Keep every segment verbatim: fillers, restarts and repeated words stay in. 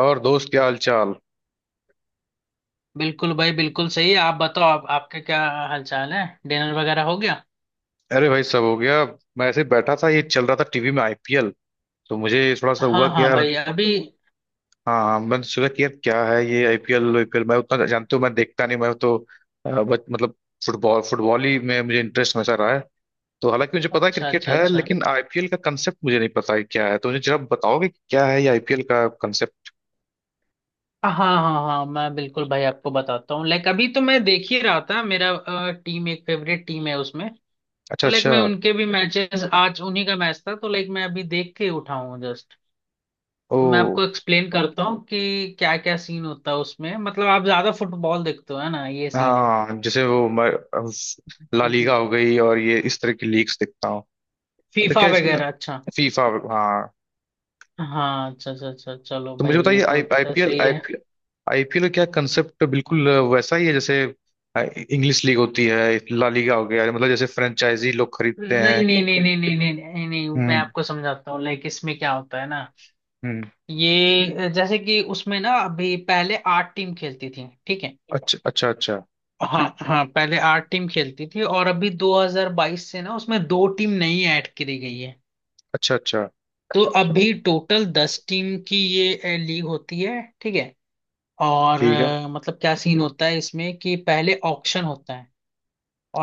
और दोस्त, क्या हाल चाल। बिल्कुल भाई, बिल्कुल सही। आप बताओ, आप आपके क्या हालचाल है? डिनर वगैरह हो गया? अरे भाई, सब हो गया। मैं ऐसे ही बैठा था, ये चल रहा था टीवी में आईपीएल। तो मुझे थोड़ा सा हाँ हुआ कि हाँ यार... भाई, अभी। हाँ हाँ, मैंने तो सोचा कि यार क्या है ये आईपीएल। आईपीएल मैं उतना जानते हो, मैं देखता नहीं, मैं तो अ, बस मतलब फुटबॉल फुटबॉल ही में मुझे इंटरेस्ट हमेशा रहा है। तो हालांकि मुझे पता है अच्छा क्रिकेट अच्छा है, अच्छा। लेकिन आईपीएल का कंसेप्ट मुझे नहीं पता है क्या है। तो मुझे जरा बताओगे कि क्या है ये आईपीएल का कंसेप्ट। हाँ हाँ हाँ, मैं बिल्कुल भाई आपको बताता हूँ। लाइक अभी तो मैं देख ही रहा था। मेरा टीम, एक फेवरेट टीम है उसमें। अच्छा तो लाइक अच्छा। मैं उनके भी मैचेस, आज उन्हीं का मैच था, तो लाइक मैं अभी देख के उठा हूँ जस्ट। ओ तो मैं आपको एक्सप्लेन करता हूँ कि क्या क्या सीन होता है उसमें। मतलब आप ज्यादा फुटबॉल देखते हो, है ना? ये सीन है, हाँ, जैसे वो मैं, अ, ला लीगा हो गई और ये इस तरह की लीग्स देखता। तो फीफा क्या इसमें वगैरह। अच्छा। फीफा? हाँ। हाँ, अच्छा अच्छा अच्छा, चलो तो मुझे भाई, ये बताइए तो आई ट- आईपीएल सही है। आईपीएल का क्या कंसेप्ट। तो बिल्कुल वैसा ही है जैसे इंग्लिश लीग होती है, ला लीगा हो गया। मतलब जैसे फ्रेंचाइजी लोग खरीदते हैं। नहीं नहीं नहीं नहीं नहीं नहीं नहीं नहीं, मैं हम्म आपको समझाता हूँ। लाइक इसमें क्या होता है ना, हम्म। ये जैसे कि उसमें ना, अभी पहले आठ टीम खेलती थी, ठीक है? अच्छा अच्छा अच्छा। हाँ हाँ, पहले आठ टीम खेलती थी, और अभी दो हज़ार बाईस से ना, उसमें दो टीम नई ऐड करी गई है। अच्छा अच्छा। तो अभी टोटल दस टीम की ये लीग होती है, ठीक है? और ठीक है। अ, मतलब क्या सीन होता है इसमें, कि पहले ऑक्शन होता है।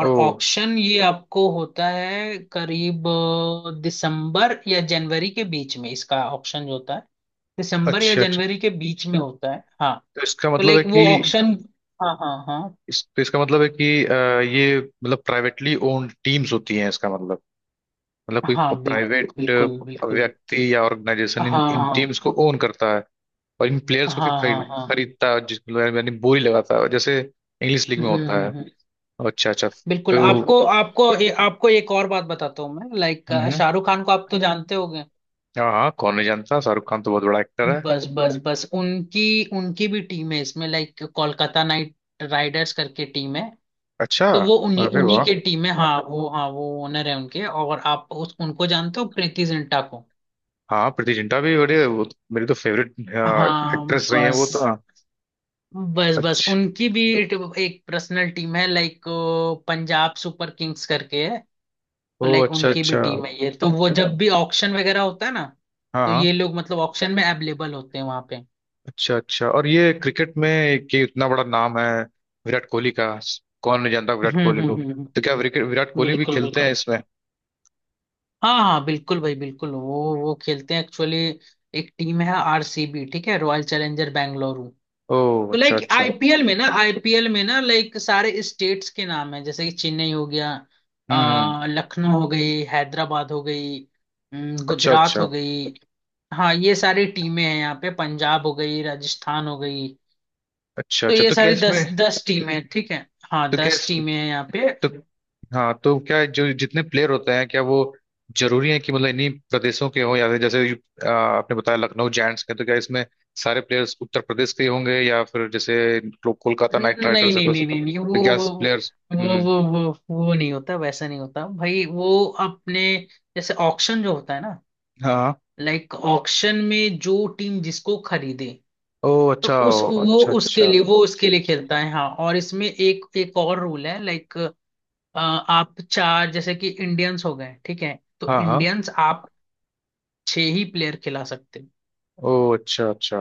ओ ऑक्शन ये आपको होता है करीब अ, दिसंबर या जनवरी के बीच में। इसका ऑक्शन जो होता है, दिसंबर या अच्छा अच्छा। जनवरी के बीच में होता है, हाँ। तो इसका तो मतलब है लाइक कि... वो ऑक्शन। हाँ हाँ हाँ इस, तो इसका मतलब है कि अ, ये मतलब प्राइवेटली ओन्ड टीम्स होती हैं इसका मतलब। मतलब कोई हाँ। बिल्कुल प्राइवेट बिल्कुल बिल्कुल। व्यक्ति या ऑर्गेनाइजेशन हाँ इन इन हाँ टीम्स को ओन करता है, और इन हाँ प्लेयर्स को फिर हाँ हाँ खरीद हाँ। खरीदता है जिस... यानी बोली लगाता है जैसे इंग्लिश लीग हम्म में हम्म होता है। हम्म। अच्छा अच्छा। बिल्कुल, तो आपको आपको ए, आपको एक और बात बताता हूँ मैं, लाइक हम्म। शाहरुख खान को आप तो जानते होगे। हाँ हाँ, कौन नहीं जानता, शाहरुख खान तो बहुत बड़ा एक्टर है। बस बस बस उनकी, उनकी भी टीम है इसमें, लाइक कोलकाता नाइट राइडर्स करके टीम है। अच्छा। तो वो उन्हीं अरे उन्हीं वाह, के टीम है, हाँ वो, हाँ वो ओनर है उनके। और आप उस उनको जानते हो, प्रीति जिंटा को? हाँ प्रीति जिंटा भी बड़े, वो तो- मेरी तो फेवरेट हाँ। एक्ट्रेस रही है बस वो तो। हाँ। बस बस अच्छा। उनकी भी एक एक पर्सनल टीम है, लाइक पंजाब सुपर किंग्स करके है। तो ओ लाइक अच्छा उनकी भी अच्छा। टीम है। ये तो वो जब भी ऑक्शन वगैरह होता है ना, हाँ तो हाँ। ये लोग मतलब ऑक्शन में अवेलेबल होते हैं वहां पे। अच्छा अच्छा। और ये क्रिकेट में कि इतना बड़ा नाम है विराट कोहली का। कौन नहीं जानता विराट हम्म कोहली हम्म को। हम्म तो हम्म। क्या विराट विराट कोहली भी बिल्कुल खेलते हैं बिल्कुल। इसमें? हाँ हाँ बिल्कुल भाई, बिल्कुल। वो वो खेलते हैं एक्चुअली। एक टीम है आरसीबी, ठीक है, रॉयल चैलेंजर बेंगलुरु। ओ तो अच्छा लाइक अच्छा। आईपीएल में ना, आईपीएल में ना, लाइक सारे स्टेट्स के नाम है। जैसे कि चेन्नई हो गया, हम्म हम्म। अ, लखनऊ हो गई, हैदराबाद हो गई, अम, अच्छा गुजरात अच्छा। हो गई। हाँ ये सारी टीमें हैं यहाँ पे, पंजाब हो गई, राजस्थान हो गई। अच्छा तो अच्छा। ये तो क्या सारी इसमें... दस दस टीमें हैं, ठीक है? हाँ, तो क्या दस इस, टीमें हैं यहाँ पे। तो... हाँ, तो क्या जो जितने प्लेयर होते हैं, क्या वो जरूरी है कि मतलब इन्हीं प्रदेशों के हों, या फिर जैसे आ, आपने बताया लखनऊ जायंट्स के, तो क्या इसमें सारे प्लेयर्स उत्तर प्रदेश के ही होंगे? या फिर जैसे को- कोलकाता नाइट नहीं राइडर्स है, नहीं तो, नहीं नहीं नहीं, तो वो क्या वो प्लेयर्स... वो हम्म। वो वो वो नहीं होता, वैसा नहीं होता भाई। वो अपने, जैसे ऑक्शन जो होता है ना, हाँ। लाइक ऑक्शन में जो टीम जिसको खरीदे, ओ तो अच्छा। उस, ओ वो अच्छा उसके अच्छा। लिए, वो उसके लिए खेलता है, हाँ। और इसमें एक एक और रूल है, लाइक आप चार, जैसे कि इंडियंस हो गए, ठीक है, तो हाँ हाँ। इंडियंस आप छह ही प्लेयर खिला सकते हो। ओ अच्छा अच्छा।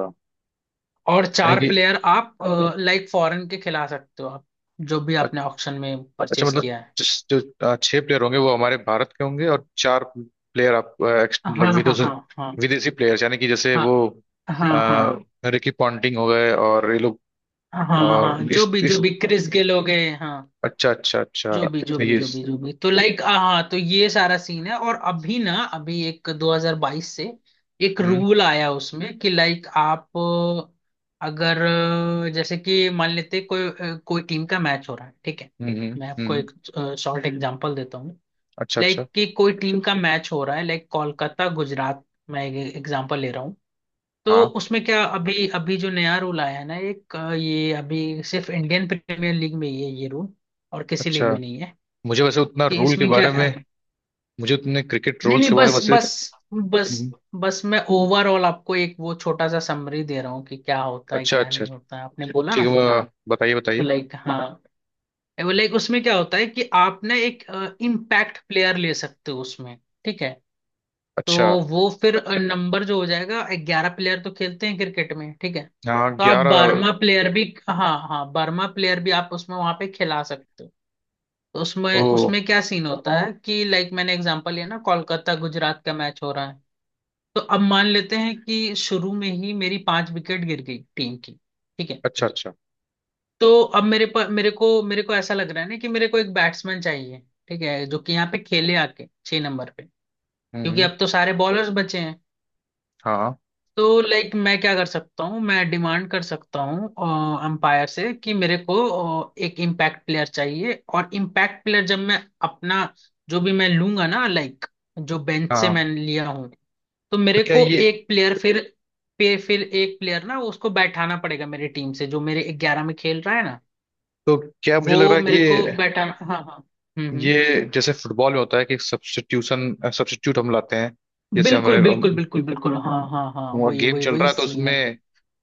और यानी चार कि... प्लेयर आप लाइक फॉरेन के खिला सकते हो आप, जो भी आपने ऑक्शन में अच्छा परचेज मतलब किया है। जिस जो अ, छह प्लेयर होंगे वो हमारे भारत के होंगे और चार प्लेयर आप अ, एक्स- हाँ मतलब हाँ विदेश, हाँ हाँ विदेशी प्लेयर्स यानी कि जैसे हाँ वो आ, हाँ हाँ हाँ, रिकी पॉन्टिंग हो गए और ये लोग। हाँ हाँ हाँ, और जो इस भी जो इस भी क्रिस गेल हो गए, हाँ, अच्छा अच्छा जो भी जो अच्छा। भी ये जो भी जो भी, तो लाइक हाँ हाँ, तो ये सारा सीन है। और अभी ना, अभी एक दो हज़ार बाईस से एक हम्म रूल आया उसमें, कि लाइक आप अगर, जैसे कि मान लेते, कोई कोई टीम का मैच हो रहा है, ठीक है? हम्म हम्म मैं आपको हम्म। एक शॉर्ट एग्जांपल देता हूँ। अच्छा अच्छा। लाइक कि कोई टीम का मैच हो रहा है, लाइक कोलकाता गुजरात, मैं एग्जांपल ले रहा हूँ। तो हाँ। उसमें क्या, अभी अभी जो नया रूल आया है ना, एक अ, ये अभी सिर्फ इंडियन प्रीमियर लीग में ही है ये रूल, और किसी लीग अच्छा। में नहीं है। मुझे वैसे उतना कि रूल के इसमें क्या, बारे में... मुझे उतने क्रिकेट नहीं रूल्स नहीं, के बारे में बस वैसे... बस बस हम्म। बस मैं ओवरऑल आपको एक वो छोटा सा समरी दे रहा हूँ कि क्या होता है अच्छा क्या अच्छा। नहीं होता है, आपने बोला ठीक ना। है वह। बताइए तो बताइए। लाइक हाँ, वो लाइक उसमें क्या होता है, कि आप ना एक इम्पैक्ट प्लेयर ले सकते हो उसमें, ठीक है? तो अच्छा। वो फिर नंबर जो हो जाएगा, ग्यारह प्लेयर तो खेलते हैं क्रिकेट में, ठीक है? हाँ तो आप ग्यारह। बारहवा प्लेयर भी, हाँ हाँ, बारहवा प्लेयर भी आप उसमें वहां पे खिला सकते हो। तो उसमें, वो। उसमें क्या सीन होता है कि लाइक मैंने एग्जांपल लिया ना, कोलकाता गुजरात का मैच हो रहा है। तो अब मान लेते हैं कि शुरू में ही मेरी पांच विकेट गिर गई टीम की, ठीक है? अच्छा अच्छा। तो अब मेरे पर मेरे को मेरे को ऐसा लग रहा है ना कि मेरे को एक बैट्समैन चाहिए, ठीक है, जो कि यहाँ पे खेले आके छह नंबर पे, क्योंकि हम्म। अब तो सारे बॉलर्स बचे हैं। हाँ तो लाइक मैं क्या कर सकता हूँ, मैं डिमांड कर सकता हूँ अंपायर से कि मेरे को अ, एक इम्पैक्ट प्लेयर चाहिए। और इम्पैक्ट प्लेयर जब मैं अपना जो भी मैं लूंगा ना, लाइक जो बेंच से हाँ, मैं लिया हूँ, तो तो मेरे क्या को ये... एक प्लेयर फिर पे, फिर एक प्लेयर ना, उसको बैठाना पड़ेगा मेरी टीम से, जो मेरे ग्यारह में खेल रहा है ना, तो क्या मुझे लग रहा वो है कि मेरे को ये बैठाना, हाँ हाँ। हम्म हम्म। ये जैसे फुटबॉल में होता है कि सब्स्टिट्यूशन, सब्स्टिट्यूट हम लाते हैं जैसे बिल्कुल हमारे। बिल्कुल बिल्कुल। बिल्कुल बिल्कुल, हाँ हाँ हाँ, हमने वही गेम वही चल वही रहा है तो सीन है। उसमें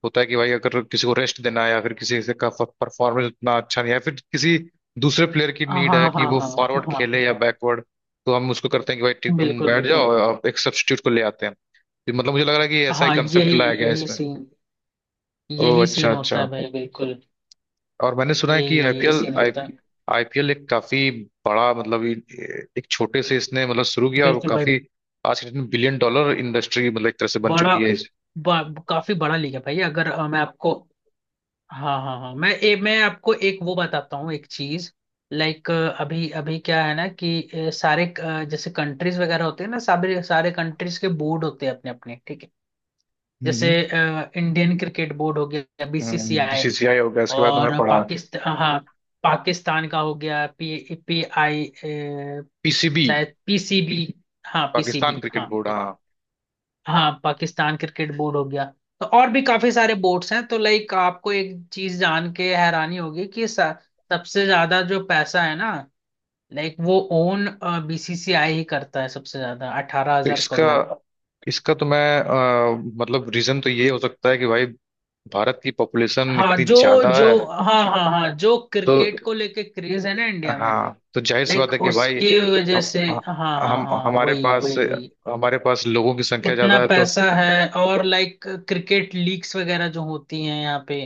होता है कि भाई अगर किसी को रेस्ट देना है, या फिर किसी से का परफॉर्मेंस उतना अच्छा नहीं है, या फिर किसी दूसरे प्लेयर की हाँ नीड है हाँ कि हाँ वो हाँ फॉरवर्ड खेले या हाँ, बैकवर्ड, तो हम उसको करते हैं कि भाई ठीक, तुम बिल्कुल बैठ जाओ, बिल्कुल। और आप एक सब्स्टिट्यूट को ले आते हैं। तो मतलब मुझे लग रहा है कि ऐसा ही हाँ, कंसेप्ट यही, लाया गया है यही इसमें। सीन, ओ यही सीन अच्छा होता अच्छा। है भाई, बिल्कुल। और मैंने सुना है यही, कि यही आईपीएल सीन आई होता है। आईपीएल एक काफी बड़ा मतलब ये- एक छोटे से इसने मतलब शुरू किया, और बिल्कुल भाई, काफी आज के दिन बिलियन डॉलर इंडस्ट्री मतलब एक तरह से बन बड़ा, चुकी है इस- बा, काफी बड़ा लीग है भाई। अगर अ, मैं आपको, हाँ हाँ हाँ मैं, ए, मैं आपको एक वो बताता हूँ एक चीज। लाइक अभी, अभी क्या है ना कि अ, सारे अ, जैसे कंट्रीज वगैरह होते हैं ना, सारे सारे कंट्रीज के बोर्ड होते हैं अपने अपने, ठीक है। जैसे हम्म। इंडियन क्रिकेट बोर्ड हो गया, बीसीसीआई। बीसीसीआई हो गया, इसके बाद तो मैं और पढ़ा पाकिस्तान, हाँ, पाकिस्तान का हो गया पी पी आई, पी सी बी, शायद पीसीबी, हाँ पाकिस्तान पीसीबी हाँ। Cricket board. लाइक हाँ। हाँ, पाकिस्तान क्रिकेट बोर्ड हो गया। तो और भी काफी सारे बोर्ड्स हैं। तो लाइक आपको एक चीज जान के हैरानी होगी कि स- सबसे ज्यादा जो पैसा है ना, लाइक वो ओन बीसीसीआई ही करता है, सबसे ज्यादा अठारह तो हजार इसका, करोड़। इसका तो मैं अ, मतलब रीजन तो ये हो सकता है कि भाई भारत की पॉपुलेशन हाँ, इतनी जो ज्यादा जो है, हाँ हाँ हाँ, जो तो क्रिकेट को लेके क्रेज है ना इंडिया में, हाँ, तो जाहिर सी लाइक बात है कि भाई उसकी वजह हम से, हाँ हाँ हम हाँ, हमारे वही पास... वही वही, हमारे पास लोगों की संख्या इतना ज्यादा है तो। पैसा है। और लाइक क्रिकेट लीग्स वगैरह जो होती हैं यहाँ पे,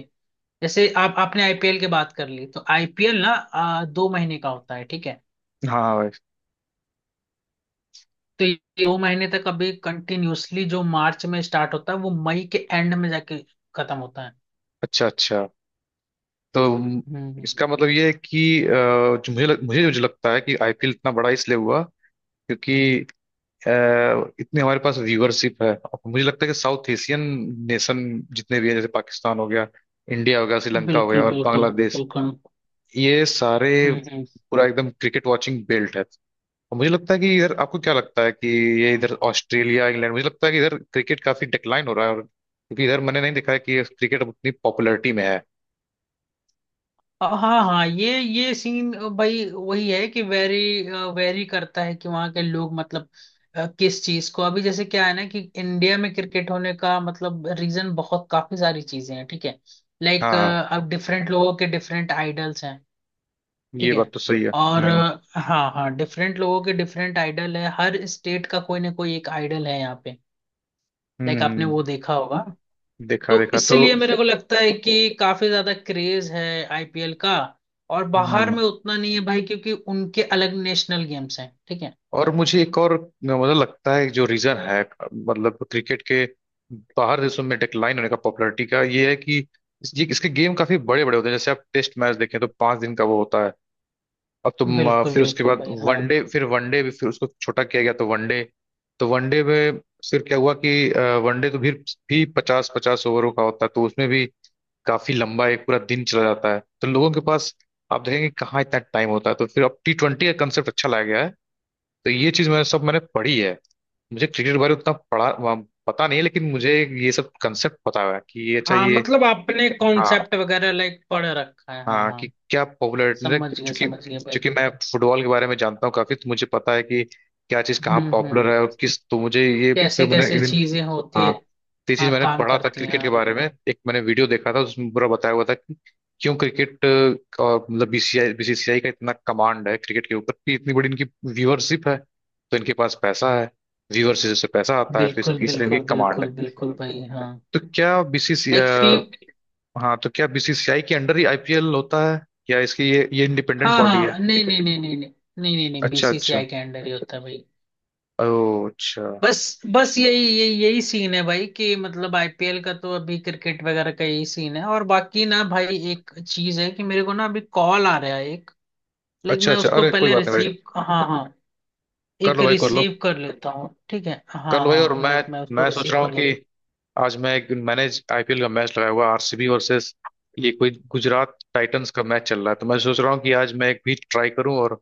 जैसे आप, आपने आईपीएल की बात कर ली, तो आईपीएल ना आ, दो महीने का होता है, ठीक है? हाँ भाई। तो ये दो महीने तक अभी कंटिन्यूअसली, जो मार्च में स्टार्ट होता है, वो मई के एंड में जाके खत्म होता है। अच्छा अच्छा। तो हम्म हम्म। इसका मतलब ये है कि अ, जो मुझे लग- मुझे जो लगता है कि आईपीएल इतना बड़ा इसलिए हुआ क्योंकि अ, इतने हमारे पास व्यूअरशिप है, और मुझे लगता है कि साउथ एशियन नेशन जितने भी है जैसे पाकिस्तान हो गया, इंडिया हो गया, श्रीलंका हो बिल्कुल गया और बिल्कुल बांग्लादेश, बिल्कुल। ये सारे हम्म हम्म। पूरा एकदम क्रिकेट वाचिंग बेल्ट है। और मुझे लगता है कि इधर आपको क्या लगता है कि ये इधर ऑस्ट्रेलिया, इंग्लैंड, मुझे लगता है कि इधर क्रिकेट काफी डिक्लाइन हो रहा है, और क्योंकि इधर मैंने नहीं देखा है कि क्रिकेट अब उतनी पॉपुलैरिटी में है। हाँ हाँ, ये ये सीन भाई वही है कि वेरी वेरी करता है कि वहाँ के लोग मतलब, अ, किस चीज को, अभी जैसे क्या है ना कि इंडिया में क्रिकेट होने का मतलब रीजन, बहुत काफी सारी चीजें हैं, ठीक है। लाइक हाँ। अब डिफरेंट लोगों के डिफरेंट आइडल्स हैं, ये ठीक बात है। तो सही है। और हम्म अ, हाँ हाँ, डिफरेंट लोगों के डिफरेंट आइडल है, हर स्टेट का कोई ना कोई एक आइडल है यहाँ पे, लाइक आपने वो हम्म। देखा होगा। देखा तो देखा तो। इसलिए मेरे को लगता है कि काफी ज्यादा क्रेज है आईपीएल का। और बाहर हम्म। में उतना नहीं है भाई, क्योंकि उनके अलग नेशनल गेम्स हैं, ठीक है। और मुझे एक और मतलब लगता है जो रीजन है मतलब क्रिकेट के बाहर देशों में डिक्लाइन होने का पॉपुलैरिटी का, ये है कि इस- ये इसके गेम काफी बड़े बड़े होते हैं। जैसे आप टेस्ट मैच देखें तो पांच दिन का वो होता है। अब तुम अ, बिल्कुल फिर उसके बिल्कुल बाद भाई, हाँ। वनडे, फिर वनडे भी फिर उसको छोटा किया गया तो वनडे। तो वनडे में फिर क्या हुआ कि वनडे तो फिर भी पचास पचास ओवरों का होता है, तो उसमें भी काफी लंबा एक पूरा दिन चला जाता है। तो लोगों के पास आप देखेंगे कहाँ इतना टाइम होता है। तो फिर अब टी ट्वेंटी का कंसेप्ट अच्छा लाया गया है। तो ये चीज मैंने सब मैंने पढ़ी है। मुझे क्रिकेट के बारे में उतना पढ़ा वहाँ पता नहीं है, लेकिन मुझे ये सब कंसेप्ट पता हुआ है कि ये अच्छा, हाँ ये मतलब आपने हाँ कॉन्सेप्ट वगैरह लाइक पढ़ रखा है, हाँ हाँ, कि हाँ। क्या पॉपुलर मुझे... समझ गए चूंकि, समझ गए भाई। चूंकि मैं फुटबॉल के बारे में जानता हूँ काफी, तो मुझे पता है कि क्या चीज कहाँ हम्म हम्म। पॉपुलर है और किस, तो मुझे ये फिर कैसे मैंने कैसे चीजें होती है। हाँ, तो ये चीज हाँ मैंने काम पढ़ा था करती हैं क्रिकेट के यार, बारे लाइक में। एक मैंने वीडियो देखा था, उसमें पूरा बताया हुआ था कि क्यों क्रिकेट अ, और मतलब बीसीसीआई बी सी सी आई का इतना कमांड है क्रिकेट के ऊपर कि इतनी बड़ी इनकी व्यूअरशिप है, तो इनके पास पैसा है, व्यूअरशिप से पैसा आता है, तो इस- बिल्कुल इसलिए इनकी बिल्कुल कमांड है। बिल्कुल बिल्कुल भाई, हाँ। तो क्या बीसीसी लाइक फी हाँ, तो क्या बी सी सी आई के अंडर ही आईपीएल होता है, या इसकी ये ये इंडिपेंडेंट हाँ बॉडी है? हाँ, नहीं नहीं नहीं नहीं नहीं नहीं नहीं नहीं, अच्छा अच्छा। बीसीसीआई के अंडर ही होता है भाई। ओ अच्छा। बस बस यही, यही यही सीन है भाई, कि मतलब आईपीएल का, तो अभी क्रिकेट वगैरह का यही सीन है। और बाकी ना भाई, एक चीज है कि मेरे को ना अभी कॉल आ रहा है एक, लाइक अच्छा मैं अच्छा। उसको अरे, कोई पहले बात नहीं भाई, रिसीव, हाँ हाँ, कर एक लो भाई कर लो। रिसीव कर लेता हूँ, ठीक है? कल हाँ भाई, और हाँ, मैं लाइक मैं उसको मैं सोच रिसीव रहा हूँ कर लूँ। कि आज मैं एक मैंने आईपीएल का मैच लगाया हुआ आर सी बी वर्सेस ये कोई गुजरात टाइटंस का मैच चल रहा है, तो मैं सोच रहा हूँ कि आज मैं एक भी ट्राई करूँ, और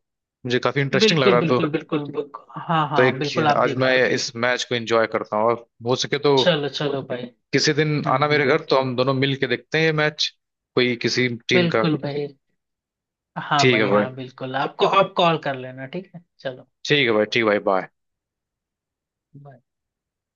मुझे काफी इंटरेस्टिंग लग बिल्कुल रहा था, बिल्कुल तो... बिल्कुल बिल्कुल, हाँ तो हाँ एक बिल्कुल, आप आज देख मैं लो ठीक। इस मैच को एंजॉय करता हूँ, और हो सके तो चलो चलो भाई। किसी दिन हम्म आना हम्म। मेरे घर, तो हम दोनों मिल के देखते हैं ये मैच। कोई किसी टीम का। बिल्कुल भाई। हाँ ठीक है भाई भाई, हाँ बिल्कुल, आपको आप कॉल कर लेना, ठीक है, चलो। ठीक है भाई, ठीक है भाई, बाय। bye।